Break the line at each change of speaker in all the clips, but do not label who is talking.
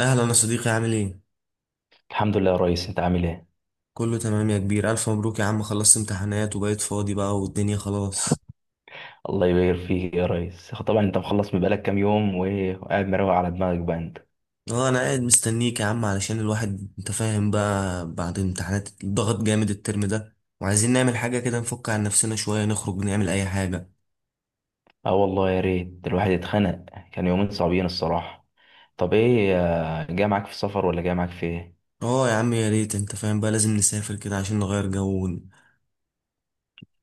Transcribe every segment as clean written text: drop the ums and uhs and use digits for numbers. اهلا يا صديقي، عامل ايه؟
الحمد لله يا ريس، انت عامل ايه؟
كله تمام يا كبير. الف مبروك يا عم، خلصت امتحانات وبقيت فاضي بقى والدنيا خلاص.
الله يبارك فيك يا ريس. طبعا انت مخلص من بقالك كام يوم وايه، وقاعد مروق على دماغك بقى انت.
اه انا قاعد مستنيك يا عم، علشان الواحد انت فاهم بقى، بعد امتحانات الضغط جامد الترم ده، وعايزين نعمل حاجه كده نفك عن نفسنا شويه، نخرج نعمل اي حاجه.
اه والله، يا ريت الواحد اتخنق. كان يومين صعبين الصراحه. طب ايه؟ جاي معاك في السفر ولا جاي معاك في ايه؟
اه يا عم يا ريت، انت فاهم بقى لازم نسافر كده عشان نغير جو،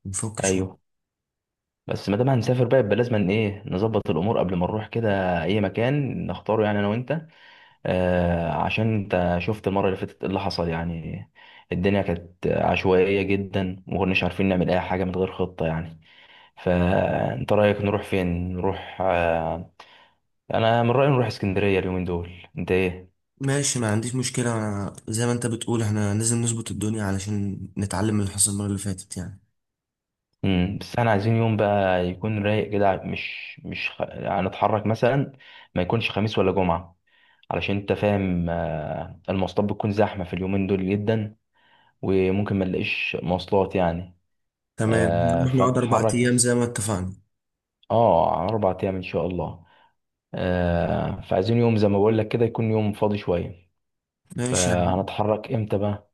ونفك شويه.
ايوه، بس ما دام هنسافر بقى يبقى لازم ايه، نظبط الامور قبل ما نروح كده اي مكان نختاره يعني انا وانت. عشان انت شفت المره اللي فاتت ايه اللي حصل يعني. الدنيا كانت عشوائيه جدا وما كناش عارفين نعمل اي حاجه من غير خطه يعني. فانت رايك نروح فين؟ نروح انا من رايي نروح اسكندريه اليومين دول. انت ايه؟
ماشي، ما عنديش مشكله، أنا زي ما انت بتقول احنا لازم نظبط الدنيا علشان نتعلم من اللي حصل المره اللي فاتت يعني.
بس احنا عايزين يوم بقى يكون رايق كده مش هنتحرك مثلا. ما يكونش خميس ولا جمعه. علشان انت فاهم، المواصلات بتكون زحمه في اليومين دول جدا. وممكن ما نلاقيش مواصلات يعني.
تمام، نروح نقعد اربع
فنتحرك
ايام
مثلا.
زي ما اتفقنا.
اه، على 4 ايام ان شاء الله. فعايزين يوم زي ما بقول لك كده يكون يوم فاضي شويه.
ماشي.
فهنتحرك امتى بقى؟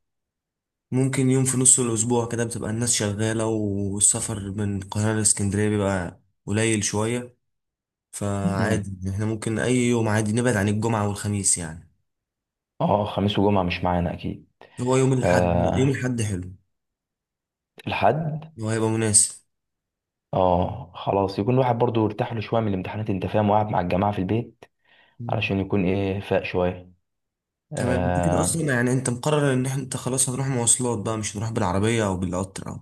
ممكن يوم في نص الأسبوع، كده بتبقى الناس شغالة والسفر من القاهرة لإسكندرية بيبقى قليل شوية، فعادي احنا ممكن أي يوم عادي، نبعد عن الجمعة والخميس يعني.
اه، خميس وجمعة مش معانا اكيد.
هو يوم الأحد، يوم
آه،
الأحد حلو.
الحد.
هو هيبقى مناسب.
اه، خلاص يكون الواحد برضو ارتاح له شوية من الامتحانات، انت فاهم، وقاعد مع الجماعة في البيت.
مم.
علشان يكون ايه فاق شوية.
تمام. انت كده أصلا
آه
يعني، انت مقرر إن احنا، انت خلاص هنروح مواصلات بقى، مش هنروح بالعربية أو بالقطر أو،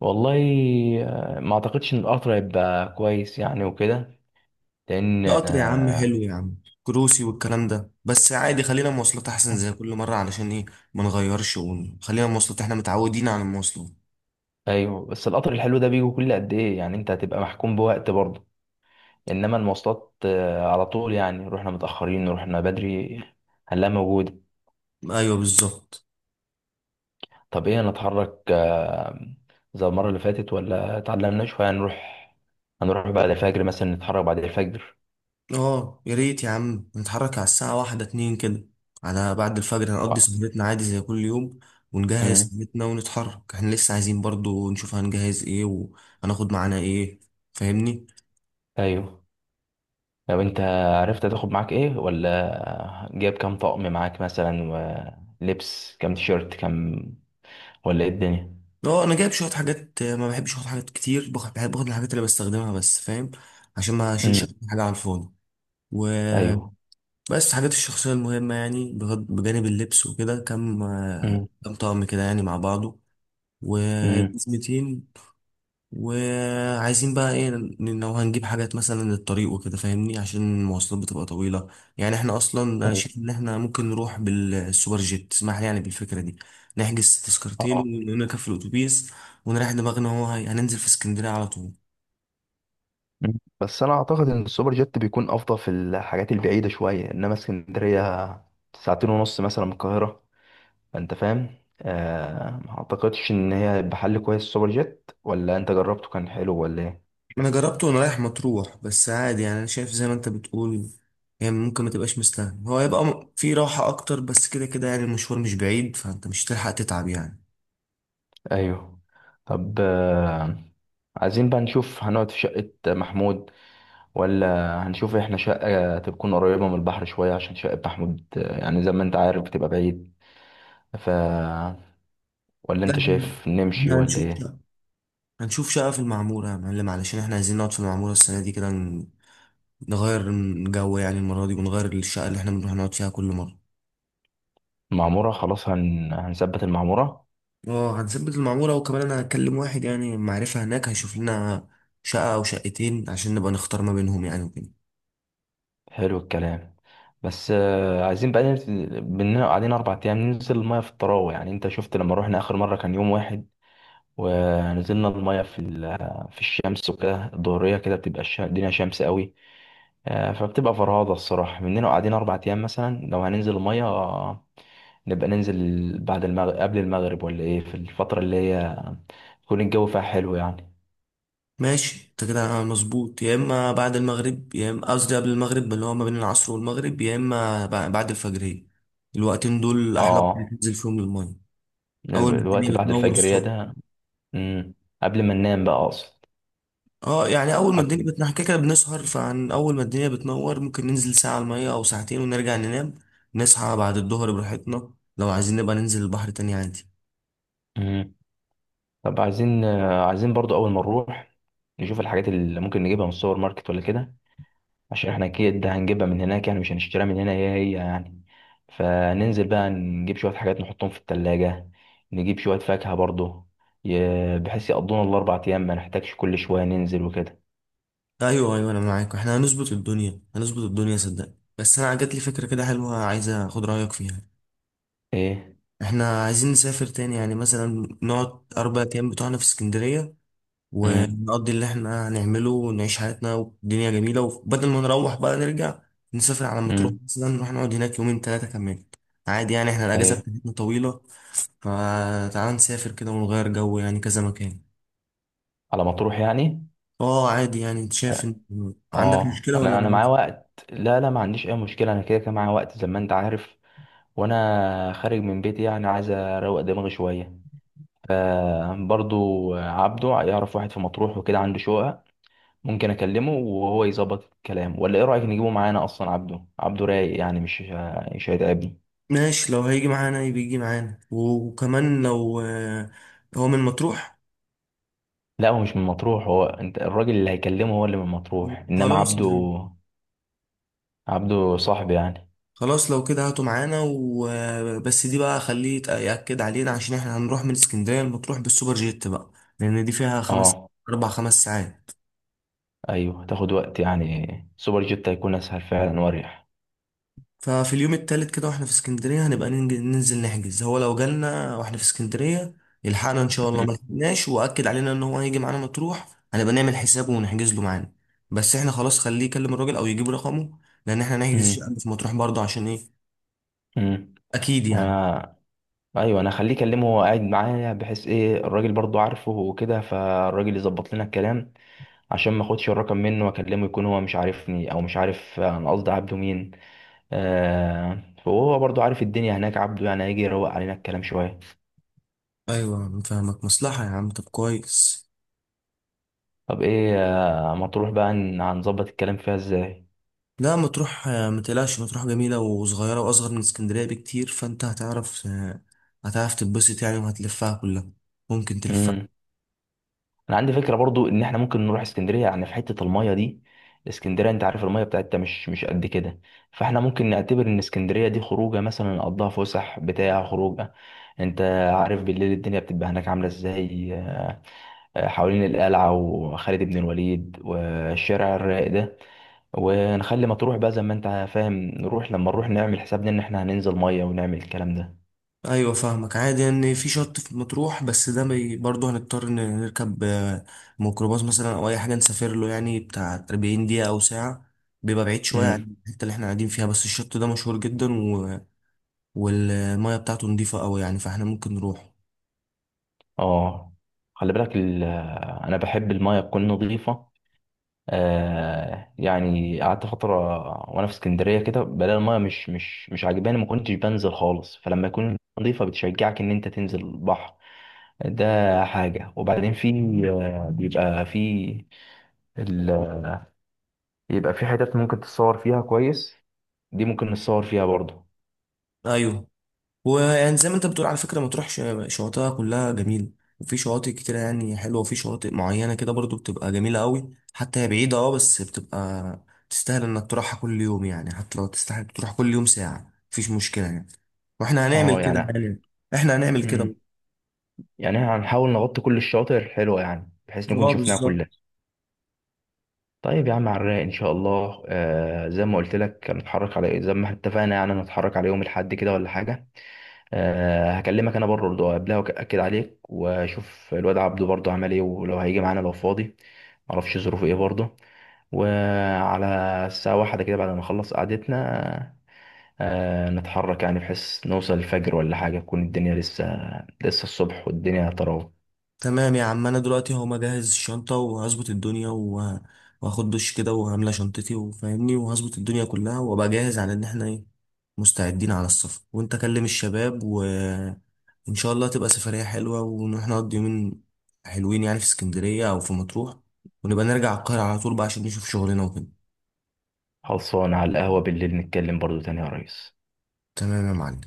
والله. ما اعتقدش ان القطر هيبقى كويس يعني وكده. لان
في قطر يا عم حلو يا عم، كروسي والكلام ده، بس عادي خلينا مواصلات أحسن زي كل مرة، علشان إيه ما نغيرش، ونخلينا مواصلات، احنا متعودين على المواصلات.
ايوه، بس القطر الحلو ده بيجي كل قد ايه يعني؟ انت هتبقى محكوم بوقت برضه. انما المواصلات على طول يعني، رحنا متأخرين رحنا بدري، هنلاقيها موجودة.
أيوه بالظبط.
طب ايه، نتحرك زي المرة اللي فاتت ولا اتعلمنا شوية؟ هنروح، هنروح بعد الفجر مثلا، نتحرك بعد الفجر.
اه يا ريت يا عم نتحرك على الساعة واحدة اتنين كده، على بعد الفجر، هنقضي
و...
سهرتنا عادي زي كل يوم، ونجهز
مم.
خدمتنا ونتحرك. احنا لسه عايزين برضو نشوف هنجهز ايه وهناخد معانا ايه، فاهمني.
ايوه. لو انت عرفت تاخد معاك ايه، ولا جايب كام طقم معاك مثلا، ولبس كام تيشيرت كام، ولا ايه الدنيا.
اه انا جايب شوية حاجات، ما بحبش اخد حاجات كتير، باخد، بحب اخد الحاجات اللي بستخدمها بس فاهم، عشان ما اشيلش
امم.
حاجة على الفاضي
ايوه.
وبس. حاجات الشخصية المهمة يعني، بجانب اللبس وكده، كم
امم،
كم طقم كده يعني مع بعضه. و،
امم.
وعايزين بقى ايه لو هنجيب حاجات مثلا للطريق وكده، فاهمني، عشان المواصلات بتبقى طويلة يعني. احنا اصلا انا
ايوه.
شايف ان احنا ممكن نروح بالسوبر جيت، اسمح لي يعني بالفكرة دي، نحجز تذكرتين
اه.
ونركب في الاتوبيس ونريح دماغنا. هو هننزل في اسكندرية على طول.
مم. بس انا اعتقد ان السوبر جيت بيكون افضل في الحاجات البعيدة شوية، انما اسكندرية ساعتين ونص مثلا من القاهرة. فانت فاهم. ما اعتقدش ان هي هيبقى حل كويس السوبر جيت، ولا انت جربته كان حلو ولا ايه؟
انا جربته وانا رايح مطروح، بس عادي يعني، انا شايف زي ما انت بتقول يعني، ممكن ما تبقاش مستاهل. هو يبقى في راحة اكتر، بس كده كده يعني المشوار مش بعيد، فانت مش هتلحق تتعب يعني.
ايوه. طب عايزين بقى نشوف هنقعد في شقة محمود، ولا هنشوف احنا شقة تكون قريبة من البحر شوية، عشان شقة محمود، يعني زي ما انت عارف بتبقى بعيد. ف ولا
لا
انت
احنا،
شايف نمشي
إحنا
ولا
هنشوف
ايه؟
هنشوف شقة في المعمورة يا معلم، علشان احنا عايزين نقعد في المعمورة السنة دي كده، نغير من جو يعني المرة دي، ونغير الشقة اللي احنا بنروح نقعد فيها كل مرة.
المعمورة خلاص، هنثبت المعمورة.
اه هنثبت المعمورة. وكمان انا هكلم واحد يعني معرفة هناك، هيشوف لنا شقة او شقتين، عشان نبقى نختار ما بينهم يعني وكده.
حلو الكلام. بس عايزين بقى ننزل، بننا قاعدين 4 ايام ننزل المايه في الطراوه، يعني انت شفت لما روحنا اخر مره كان يوم واحد، ونزلنا المايه في الشمس وكده، الظهريه كده بتبقى الدنيا شمس قوي. فبتبقى فرهاضه الصراحه، مننا قاعدين 4 ايام مثلا، لو هننزل المايه نبقى ننزل بعد المغرب، قبل المغرب، ولا ايه؟ في الفتره اللي هي يكون الجو فيها حلو يعني.
ماشي، انت كده مظبوط. يا اما بعد المغرب، يا اما قصدي قبل المغرب اللي هو ما بين العصر والمغرب، يا اما بعد الفجرية. الوقتين دول احلى وقت
اه،
تنزل فيهم للمية، اول ما الدنيا
الوقت بعد
بتنور
الفجريه
الصبح.
ده. مم، قبل ما ننام بقى اقصد.
اه يعني اول ما الدنيا
قبل.
بتنحكي كده، كده بنسهر، فعن اول ما الدنيا بتنور ممكن ننزل ساعة على المية او ساعتين، ونرجع ننام، نصحى بعد الظهر براحتنا، لو عايزين نبقى ننزل البحر تاني عادي.
مم. طب عايزين برضو اول ما نروح نشوف الحاجات اللي ممكن نجيبها من السوبر ماركت ولا كده. عشان احنا اكيد هنجيبها من هناك، يعني مش هنشتريها من هنا، هي هي يعني. فننزل بقى نجيب شوية حاجات نحطهم في التلاجة، نجيب شوية فاكهة برضو، بحيث يقضونا الاربع ايام، ما نحتاجش كل شوية ننزل وكده.
ايوه ايوه، انا معاك، احنا هنظبط الدنيا هنظبط الدنيا صدقني. بس انا جات لي فكرة كده حلوة، عايز اخد رأيك فيها.
ايه.
احنا عايزين نسافر تاني يعني، مثلا نقعد 4 ايام بتوعنا في اسكندرية،
امم.
ونقضي اللي احنا هنعمله ونعيش حياتنا والدنيا جميلة، وبدل ما نروح بقى نرجع، نسافر على مطروح
امم.
مثلا، نروح نقعد هناك يومين ثلاثة كمان، عادي يعني احنا الأجازة
طيب.
بتاعتنا طويلة، فتعال نسافر كده ونغير جو يعني، كذا مكان.
على ما تروح يعني.
اه عادي يعني، انت شايف ان عندك
اه،
مشكلة ولا
انا معايا
موجود؟
وقت. لا، لا، ما عنديش اي مشكلة. انا كده كده معايا وقت زي ما انت عارف. وانا خارج من بيتي يعني عايز اروق دماغي شويه. فبرضو عبده يعرف واحد في مطروح وكده عنده شقه. ممكن اكلمه وهو يظبط الكلام، ولا ايه رايك نجيبه معانا اصلا؟ عبده، عبده رايق يعني، مش هيتعبني.
ماشي، لو هيجي معانا يبقى يجي معانا، وكمان لو هو من مطروح.
لا، هو مش من مطروح. هو انت الراجل اللي هيكلمه هو اللي من مطروح، انما
خلاص
عبده،
يعني.
عبده صاحبي يعني.
خلاص لو كده هاتوا معانا، وبس دي بقى خليه يأكد علينا، عشان احنا هنروح من اسكندرية المطروح بالسوبر جيت بقى، لأن دي فيها خمس
اه.
أربع خمس ساعات
ايوه، تاخد وقت يعني. سوبر جيت هيكون اسهل فعلا واريح.
ففي اليوم التالت كده واحنا في اسكندرية، هنبقى ننزل نحجز. هو لو جالنا واحنا في اسكندرية يلحقنا إن شاء الله، ما لحقناش وأكد علينا إن هو هيجي معانا مطروح، هنبقى نعمل حسابه ونحجز له معانا. بس احنا خلاص خليه يكلم الراجل أو يجيب رقمه، لأن احنا نحجز
مم.
شقة في مطروح برضه، عشان إيه
مم.
أكيد يعني.
مم. ايوه، انا خليه يكلمه وهو قاعد معايا، بحيث ايه، الراجل برضو عارفه وكده، فالراجل يظبط لنا الكلام. عشان ما اخدش الرقم منه واكلمه يكون هو مش عارفني، او مش عارف انا قصدي عبده مين. فهو برضو عارف الدنيا هناك عبده، يعني هيجي يروق علينا الكلام شويه.
أيوه أنا فاهمك، مصلحة يا عم، طب كويس.
طب ايه، ما تروح بقى، هنظبط الكلام فيها ازاي؟
لا مطروح، متقلقش، مطروح جميلة وصغيرة وأصغر من اسكندرية بكتير، فأنت هتعرف، هتعرف تتبسط يعني، وهتلفها كلها، ممكن تلفها.
انا عندي فكره برضو ان احنا ممكن نروح اسكندريه، يعني في حته المايه دي. اسكندريه انت عارف المايه بتاعتها مش قد كده. فاحنا ممكن نعتبر ان اسكندريه دي خروجه، مثلا نقضيها فسح، بتاع خروجه. انت عارف بالليل الدنيا بتبقى هناك عامله ازاي. حوالين القلعه وخالد بن الوليد والشارع الرايق ده. ونخلي مطروح بقى زي ما انت فاهم، نروح لما نروح نعمل حسابنا ان احنا هننزل ميه ونعمل الكلام ده.
أيوة فاهمك، عادي إن في شط في مطروح، بس ده برضه هنضطر إن نركب، ميكروباص مثلا أو أي حاجة، نسافر له يعني بتاع 40 دقيقة أو ساعة، بيبقى بعيد شوية
امم.
عن الحتة اللي احنا قاعدين فيها، بس الشط ده مشهور جدا و، والمية بتاعته نضيفة أوي يعني، فاحنا ممكن نروح.
اه، خلي بالك انا بحب المايه تكون نظيفه. يعني قعدت فترة وأنا في اسكندرية كده بلاقي المية مش عاجباني. ما كنتش بنزل خالص. فلما يكون نظيفة بتشجعك إن أنت تنزل البحر. ده حاجة، وبعدين في بيبقى في ال... بيبقى في حتت ممكن تتصور فيها كويس. دي ممكن نتصور فيها برضه.
أيوة ويعني زي ما انت بتقول، على فكرة مطروح شواطئها كلها جميلة، وفي شواطئ كتيرة يعني حلوة، وفي شواطئ معينة كده برضو بتبقى جميلة قوي، حتى هي بعيدة اه بس بتبقى تستاهل انك تروحها كل يوم يعني، حتى لو تستاهل تروح كل يوم ساعة مفيش مشكلة يعني. واحنا هنعمل
اه،
كده
يعني،
يعني، احنا هنعمل كده.
مم. يعني إحنا هنحاول نغطي كل الشواطئ الحلوة يعني بحيث نكون
اه
شفناها كلها.
بالظبط.
طيب يا عم، على الرايق ان شاء الله. زي ما قلت لك، هنتحرك على إيه، زي ما اتفقنا يعني، نتحرك على يوم الاحد كده ولا حاجة؟ أه، هكلمك انا بره برضه قبلها واكد عليك، واشوف الواد عبده برضه عمل ايه، ولو هيجي معانا لو فاضي، معرفش ظروفه ايه برضه. وعلى الساعة واحدة كده بعد ما نخلص قعدتنا أه نتحرك، يعني بحيث نوصل الفجر ولا حاجة تكون الدنيا لسه الصبح والدنيا تراوح.
تمام يا عم، انا دلوقتي هو مجهز الشنطه وهظبط الدنيا وهاخد دش كده، وهملى شنطتي وفاهمني، وهظبط الدنيا كلها، وابقى جاهز على ان احنا ايه، مستعدين على السفر. وانت كلم الشباب، وان شاء الله تبقى سفريه حلوه، ونروح نقضي يومين حلوين يعني في اسكندريه او في مطروح، ونبقى نرجع القاهره على طول بقى عشان نشوف شغلنا وكده.
خلصانة على القهوة بالليل نتكلم برضه تاني يا ريس.
تمام يا معلم.